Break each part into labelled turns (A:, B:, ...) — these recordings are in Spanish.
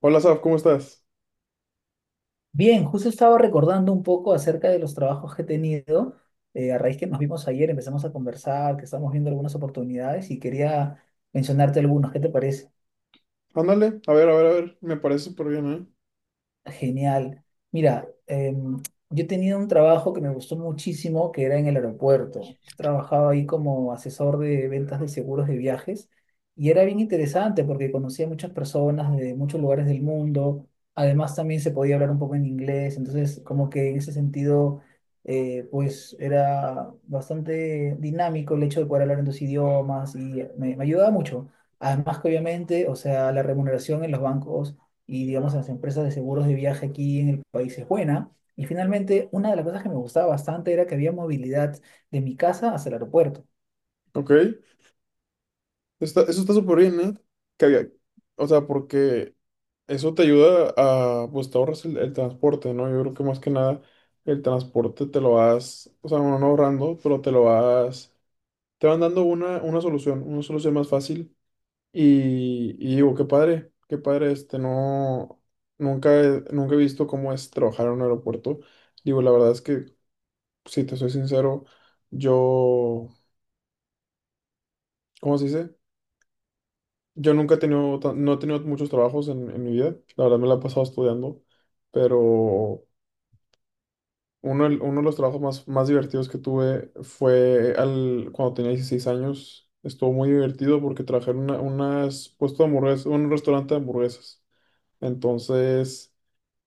A: Hola, Saf, ¿cómo estás?
B: Bien, justo estaba recordando un poco acerca de los trabajos que he tenido. A raíz que nos vimos ayer, empezamos a conversar, que estamos viendo algunas oportunidades y quería mencionarte algunos. ¿Qué te parece?
A: Ándale, a ver, me parece súper bien, ¿eh?
B: Genial. Mira, yo tenía un trabajo que me gustó muchísimo, que era en el aeropuerto. Yo trabajaba ahí como asesor de ventas de seguros de viajes y era bien interesante porque conocía muchas personas de muchos lugares del mundo. Además, también se podía hablar un poco en inglés. Entonces, como que en ese sentido, pues era bastante dinámico el hecho de poder hablar en dos idiomas y me ayudaba mucho. Además que obviamente, o sea, la remuneración en los bancos y digamos en las empresas de seguros de viaje aquí en el país es buena. Y finalmente, una de las cosas que me gustaba bastante era que había movilidad de mi casa hasta el aeropuerto.
A: Ok, eso está súper bien, ¿eh? Que había- o sea, porque eso te ayuda a, pues te ahorras el transporte, ¿no? Yo creo que más que nada el transporte te lo vas, o sea, bueno, no ahorrando, pero te lo vas, te van dando una solución más fácil. Y digo, qué padre, nunca he visto cómo es trabajar en un aeropuerto. Digo, la verdad es que si te soy sincero, yo, ¿cómo se dice? Yo nunca no he tenido muchos trabajos en mi vida, la verdad me la he pasado estudiando, pero uno de los trabajos más divertidos que tuve cuando tenía 16 años. Estuvo muy divertido porque trabajé en unas puesto de hamburguesas, un restaurante de hamburguesas. Entonces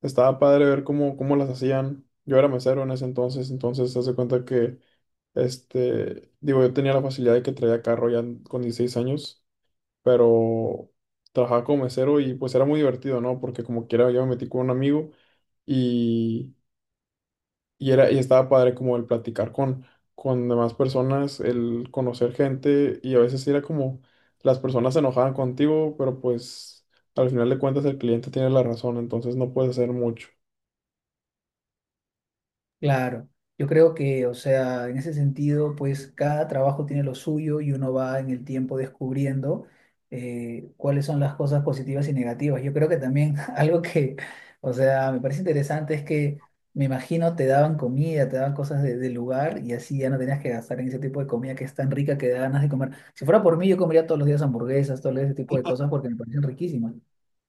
A: estaba padre ver cómo las hacían. Yo era mesero en ese entonces, entonces se hace cuenta que, digo, yo tenía la facilidad de que traía carro ya con 16 años, pero trabajaba como mesero y pues era muy divertido, ¿no? Porque como quiera yo me metí con un amigo y, y estaba padre como el platicar con demás personas, el conocer gente, y a veces sí era como las personas se enojaban contigo, pero pues al final de cuentas el cliente tiene la razón, entonces no puedes hacer mucho.
B: Claro, yo creo que, o sea, en ese sentido, pues cada trabajo tiene lo suyo y uno va en el tiempo descubriendo cuáles son las cosas positivas y negativas. Yo creo que también algo que, o sea, me parece interesante es que me imagino te daban comida, te daban cosas del lugar y así ya no tenías que gastar en ese tipo de comida que es tan rica que da ganas de comer. Si fuera por mí, yo comería todos los días hamburguesas, todo ese tipo de cosas porque me parecen riquísimas.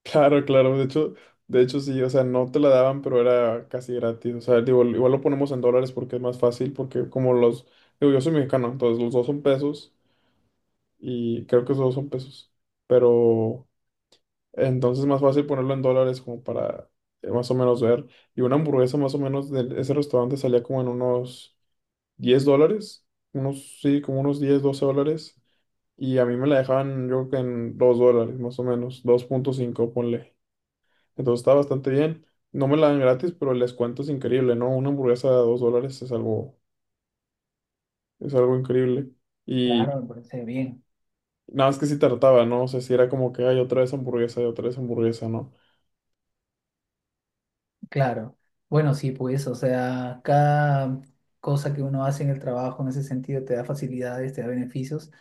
A: Claro, claro, de hecho sí, o sea, no te la daban, pero era casi gratis. O sea, digo, igual lo ponemos en dólares porque es más fácil, porque como digo, yo soy mexicano, entonces los dos son pesos, y creo que los dos son pesos, pero entonces es más fácil ponerlo en dólares como para más o menos ver, y una hamburguesa más o menos de ese restaurante salía como en unos $10, unos, sí, como unos 10 o 12 dólares, y a mí me la dejaban yo creo que en $2, más o menos, 2.5 ponle. Entonces está bastante bien. No me la dan gratis, pero el descuento es increíble, ¿no? Una hamburguesa de $2 es algo increíble. Y
B: Claro, me parece bien.
A: nada más que si trataba, ¿no? O sea, si era como que hay otra vez hamburguesa y otra vez hamburguesa, ¿no?
B: Claro, bueno, sí, pues, o sea, cada cosa que uno hace en el trabajo en ese sentido te da facilidades, te da beneficios.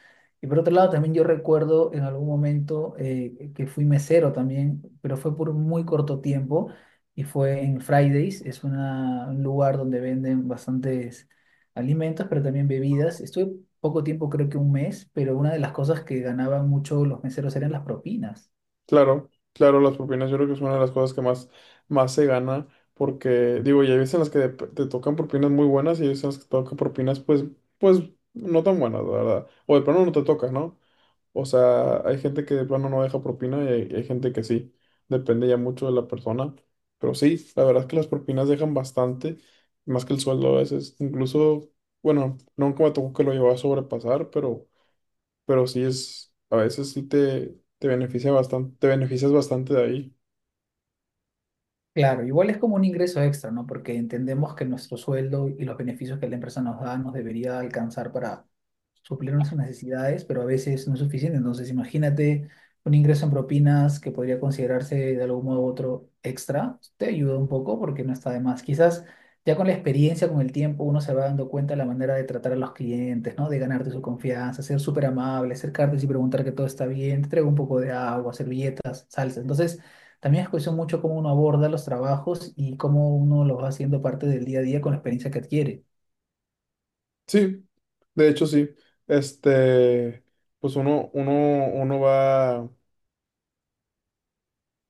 B: Y por otro lado, también yo recuerdo en algún momento que fui mesero también, pero fue por muy corto tiempo y fue en Fridays, es un lugar donde venden bastantes alimentos, pero también bebidas. Estuve poco tiempo, creo que un mes, pero una de las cosas que ganaban mucho los meseros eran las propinas.
A: Claro, claro, las propinas yo creo que es una de las cosas que más, más se gana, porque digo, ya hay veces en las que te tocan propinas muy buenas, y hay veces en las que te tocan propinas pues, pues no tan buenas, la verdad. O de plano no te toca, ¿no? O sea, hay gente que de plano no deja propina, y hay gente que sí. Depende ya mucho de la persona. Pero sí, la verdad es que las propinas dejan bastante, más que el sueldo a veces. Incluso, bueno, nunca me tocó que lo llevaba a sobrepasar, pero sí es, a veces sí te beneficia bastante, te beneficias bastante de ahí.
B: Claro, igual es como un ingreso extra, ¿no? Porque entendemos que nuestro sueldo y los beneficios que la empresa nos da nos debería alcanzar para suplir nuestras necesidades, pero a veces no es suficiente. Entonces, imagínate un ingreso en propinas que podría considerarse de algún modo u otro extra, te ayuda un poco porque no está de más. Quizás ya con la experiencia, con el tiempo, uno se va dando cuenta de la manera de tratar a los clientes, ¿no? De ganarte su confianza, ser súper amable, acercarte y preguntar que todo está bien, te traigo un poco de agua, servilletas, salsa. Entonces, también es cuestión mucho cómo uno aborda los trabajos y cómo uno los va haciendo parte del día a día con la experiencia que adquiere.
A: Sí, de hecho sí. Este, pues uno, uno, uno va,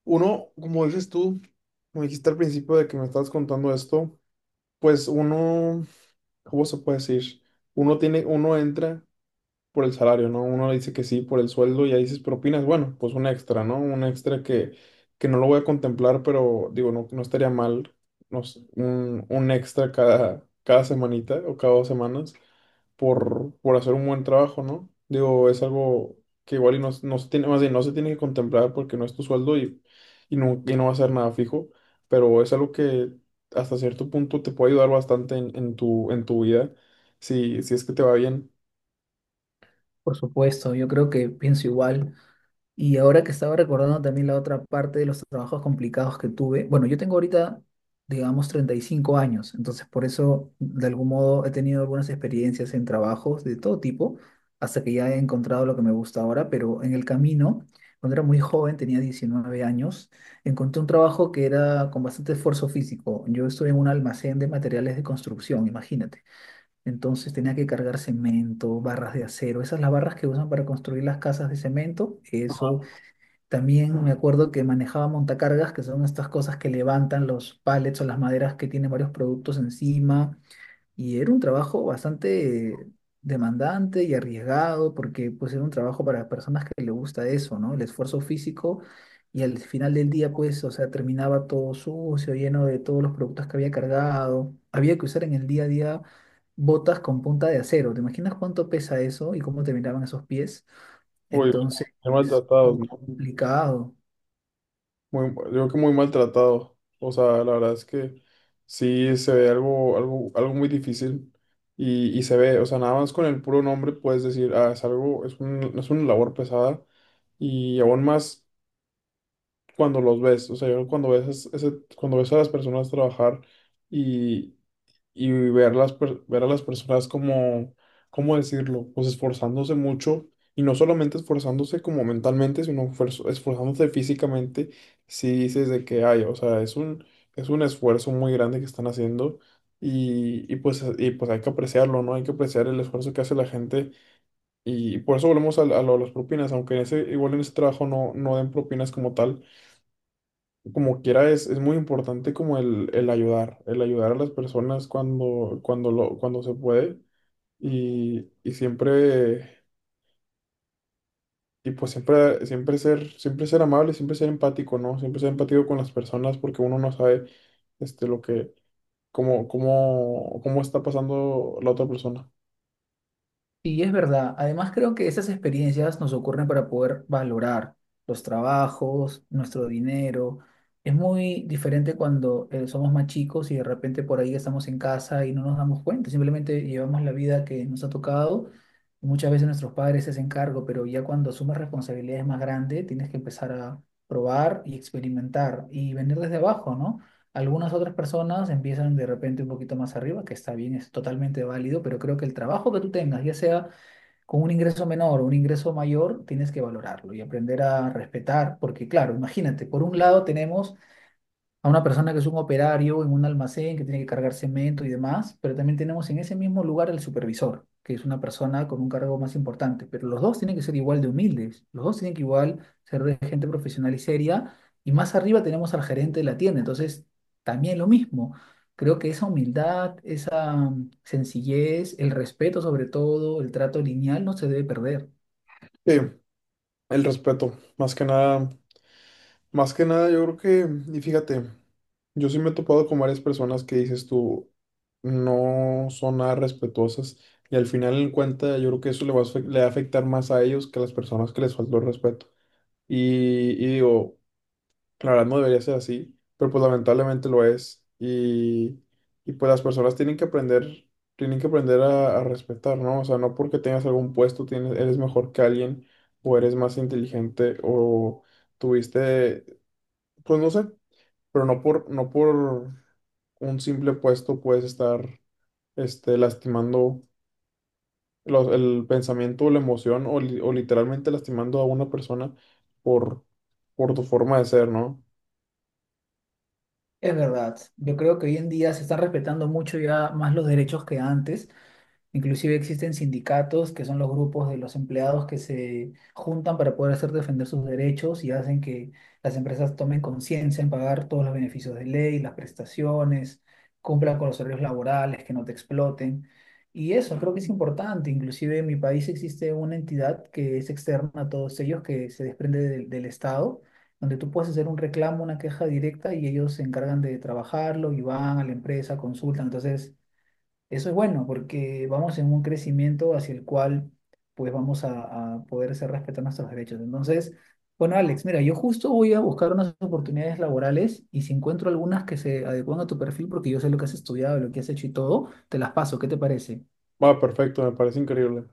A: uno, como dices tú, como dijiste al principio de que me estabas contando esto, pues uno, ¿cómo se puede decir? Uno entra por el salario, ¿no? Uno le dice que sí por el sueldo, y ahí dices propinas, bueno, pues un extra, ¿no? Un extra que no lo voy a contemplar, pero digo, no, no estaría mal, no sé, un extra cada semanita o cada 2 semanas por hacer un buen trabajo, ¿no? Digo, es algo que igual y no, no se tiene, más bien, no se tiene que contemplar porque no es tu sueldo y no va a ser nada fijo, pero es algo que hasta cierto punto te puede ayudar bastante en tu vida, si, si es que te va bien.
B: Por supuesto, yo creo que pienso igual. Y ahora que estaba recordando también la otra parte de los trabajos complicados que tuve, bueno, yo tengo ahorita, digamos, 35 años, entonces por eso, de algún modo, he tenido algunas experiencias en trabajos de todo tipo, hasta que ya he encontrado lo que me gusta ahora, pero en el camino, cuando era muy joven, tenía 19 años, encontré un trabajo que era con bastante esfuerzo físico. Yo estuve en un almacén de materiales de construcción, imagínate. Entonces tenía que cargar cemento, barras de acero, esas las barras que usan para construir las casas de cemento, eso
A: Ajá.
B: también me acuerdo que manejaba montacargas, que son estas cosas que levantan los pallets o las maderas que tienen varios productos encima. Y era un trabajo bastante demandante y arriesgado, porque pues era un trabajo para personas que le gusta eso, ¿no? El esfuerzo físico. Y al final del día, pues, o sea, terminaba todo sucio, lleno de todos los productos que había cargado. Había que usar en el día a día botas con punta de acero. ¿Te imaginas cuánto pesa eso y cómo terminaban esos pies?
A: Uy,
B: Entonces,
A: muy
B: es
A: maltratados, ¿no?
B: complicado.
A: Muy, yo creo que muy maltratados. O sea, la verdad es que sí se ve algo, algo, algo muy difícil. Y se ve, o sea, nada más con el puro nombre puedes decir, ah, es algo, es un, es una labor pesada. Y aún más cuando los ves. O sea, yo cuando ves a las personas trabajar y y ver ver a las personas como, ¿cómo decirlo? Pues esforzándose mucho, y no solamente esforzándose como mentalmente, sino esforzándose físicamente, si dices de que hay, o sea, es un esfuerzo muy grande que están haciendo, y pues hay que apreciarlo, ¿no? Hay que apreciar el esfuerzo que hace la gente, por eso volvemos a lo de las propinas, aunque igual en ese trabajo no, no den propinas como tal. Como quiera, es muy importante como el ayudar a las personas cuando se puede y siempre, y pues siempre, siempre ser amable, siempre ser empático, ¿no? Siempre ser empático con las personas porque uno no sabe, este, lo que, cómo está pasando la otra persona.
B: Y es verdad, además creo que esas experiencias nos ocurren para poder valorar los trabajos, nuestro dinero. Es muy diferente cuando somos más chicos y de repente por ahí estamos en casa y no nos damos cuenta, simplemente llevamos la vida que nos ha tocado. Muchas veces nuestros padres se hacen cargo, pero ya cuando asumes responsabilidades más grandes, tienes que empezar a probar y experimentar y venir desde abajo, ¿no? Algunas otras personas empiezan de repente un poquito más arriba, que está bien, es totalmente válido, pero creo que el trabajo que tú tengas, ya sea con un ingreso menor o un ingreso mayor, tienes que valorarlo y aprender a respetar, porque claro, imagínate, por un lado tenemos a una persona que es un operario en un almacén que tiene que cargar cemento y demás, pero también tenemos en ese mismo lugar al supervisor, que es una persona con un cargo más importante, pero los dos tienen que ser igual de humildes, los dos tienen que igual ser de gente profesional y seria, y más arriba tenemos al gerente de la tienda, entonces también lo mismo. Creo que esa humildad, esa sencillez, el respeto sobre todo, el trato lineal no se debe perder.
A: Sí, el respeto, más que nada. Más que nada, yo creo que, y fíjate, yo sí me he topado con varias personas que dices tú, no son nada respetuosas, y al final en cuenta yo creo que eso le va a afectar más a ellos que a las personas que les faltó el respeto. Y digo, la verdad no debería ser así, pero pues lamentablemente lo es. Y pues las personas tienen que aprender a respetar, ¿no? O sea, no porque tengas algún puesto tienes, eres mejor que alguien, o eres más inteligente, o tuviste, pues no sé, pero no por un simple puesto puedes estar, lastimando el pensamiento o la emoción, o literalmente lastimando a una persona por, por tu forma de ser, ¿no?
B: Es verdad, yo creo que hoy en día se están respetando mucho ya más los derechos que antes. Inclusive existen sindicatos, que son los grupos de los empleados que se juntan para poder hacer defender sus derechos y hacen que las empresas tomen conciencia en pagar todos los beneficios de ley, las prestaciones, cumplan con los horarios laborales, que no te exploten. Y eso creo que es importante. Inclusive en mi país existe una entidad que es externa a todos ellos, que se desprende del Estado, donde tú puedes hacer un reclamo, una queja directa y ellos se encargan de trabajarlo y van a la empresa, consultan. Entonces… Eso es bueno porque vamos en un crecimiento hacia el cual pues vamos a poder hacer respetar nuestros derechos. Entonces, bueno, Alex, mira, yo justo voy a buscar unas oportunidades laborales y si encuentro algunas que se adecúan a tu perfil porque yo sé lo que has estudiado, lo que has hecho y todo, te las paso. ¿Qué te parece?
A: Va, perfecto, me parece increíble.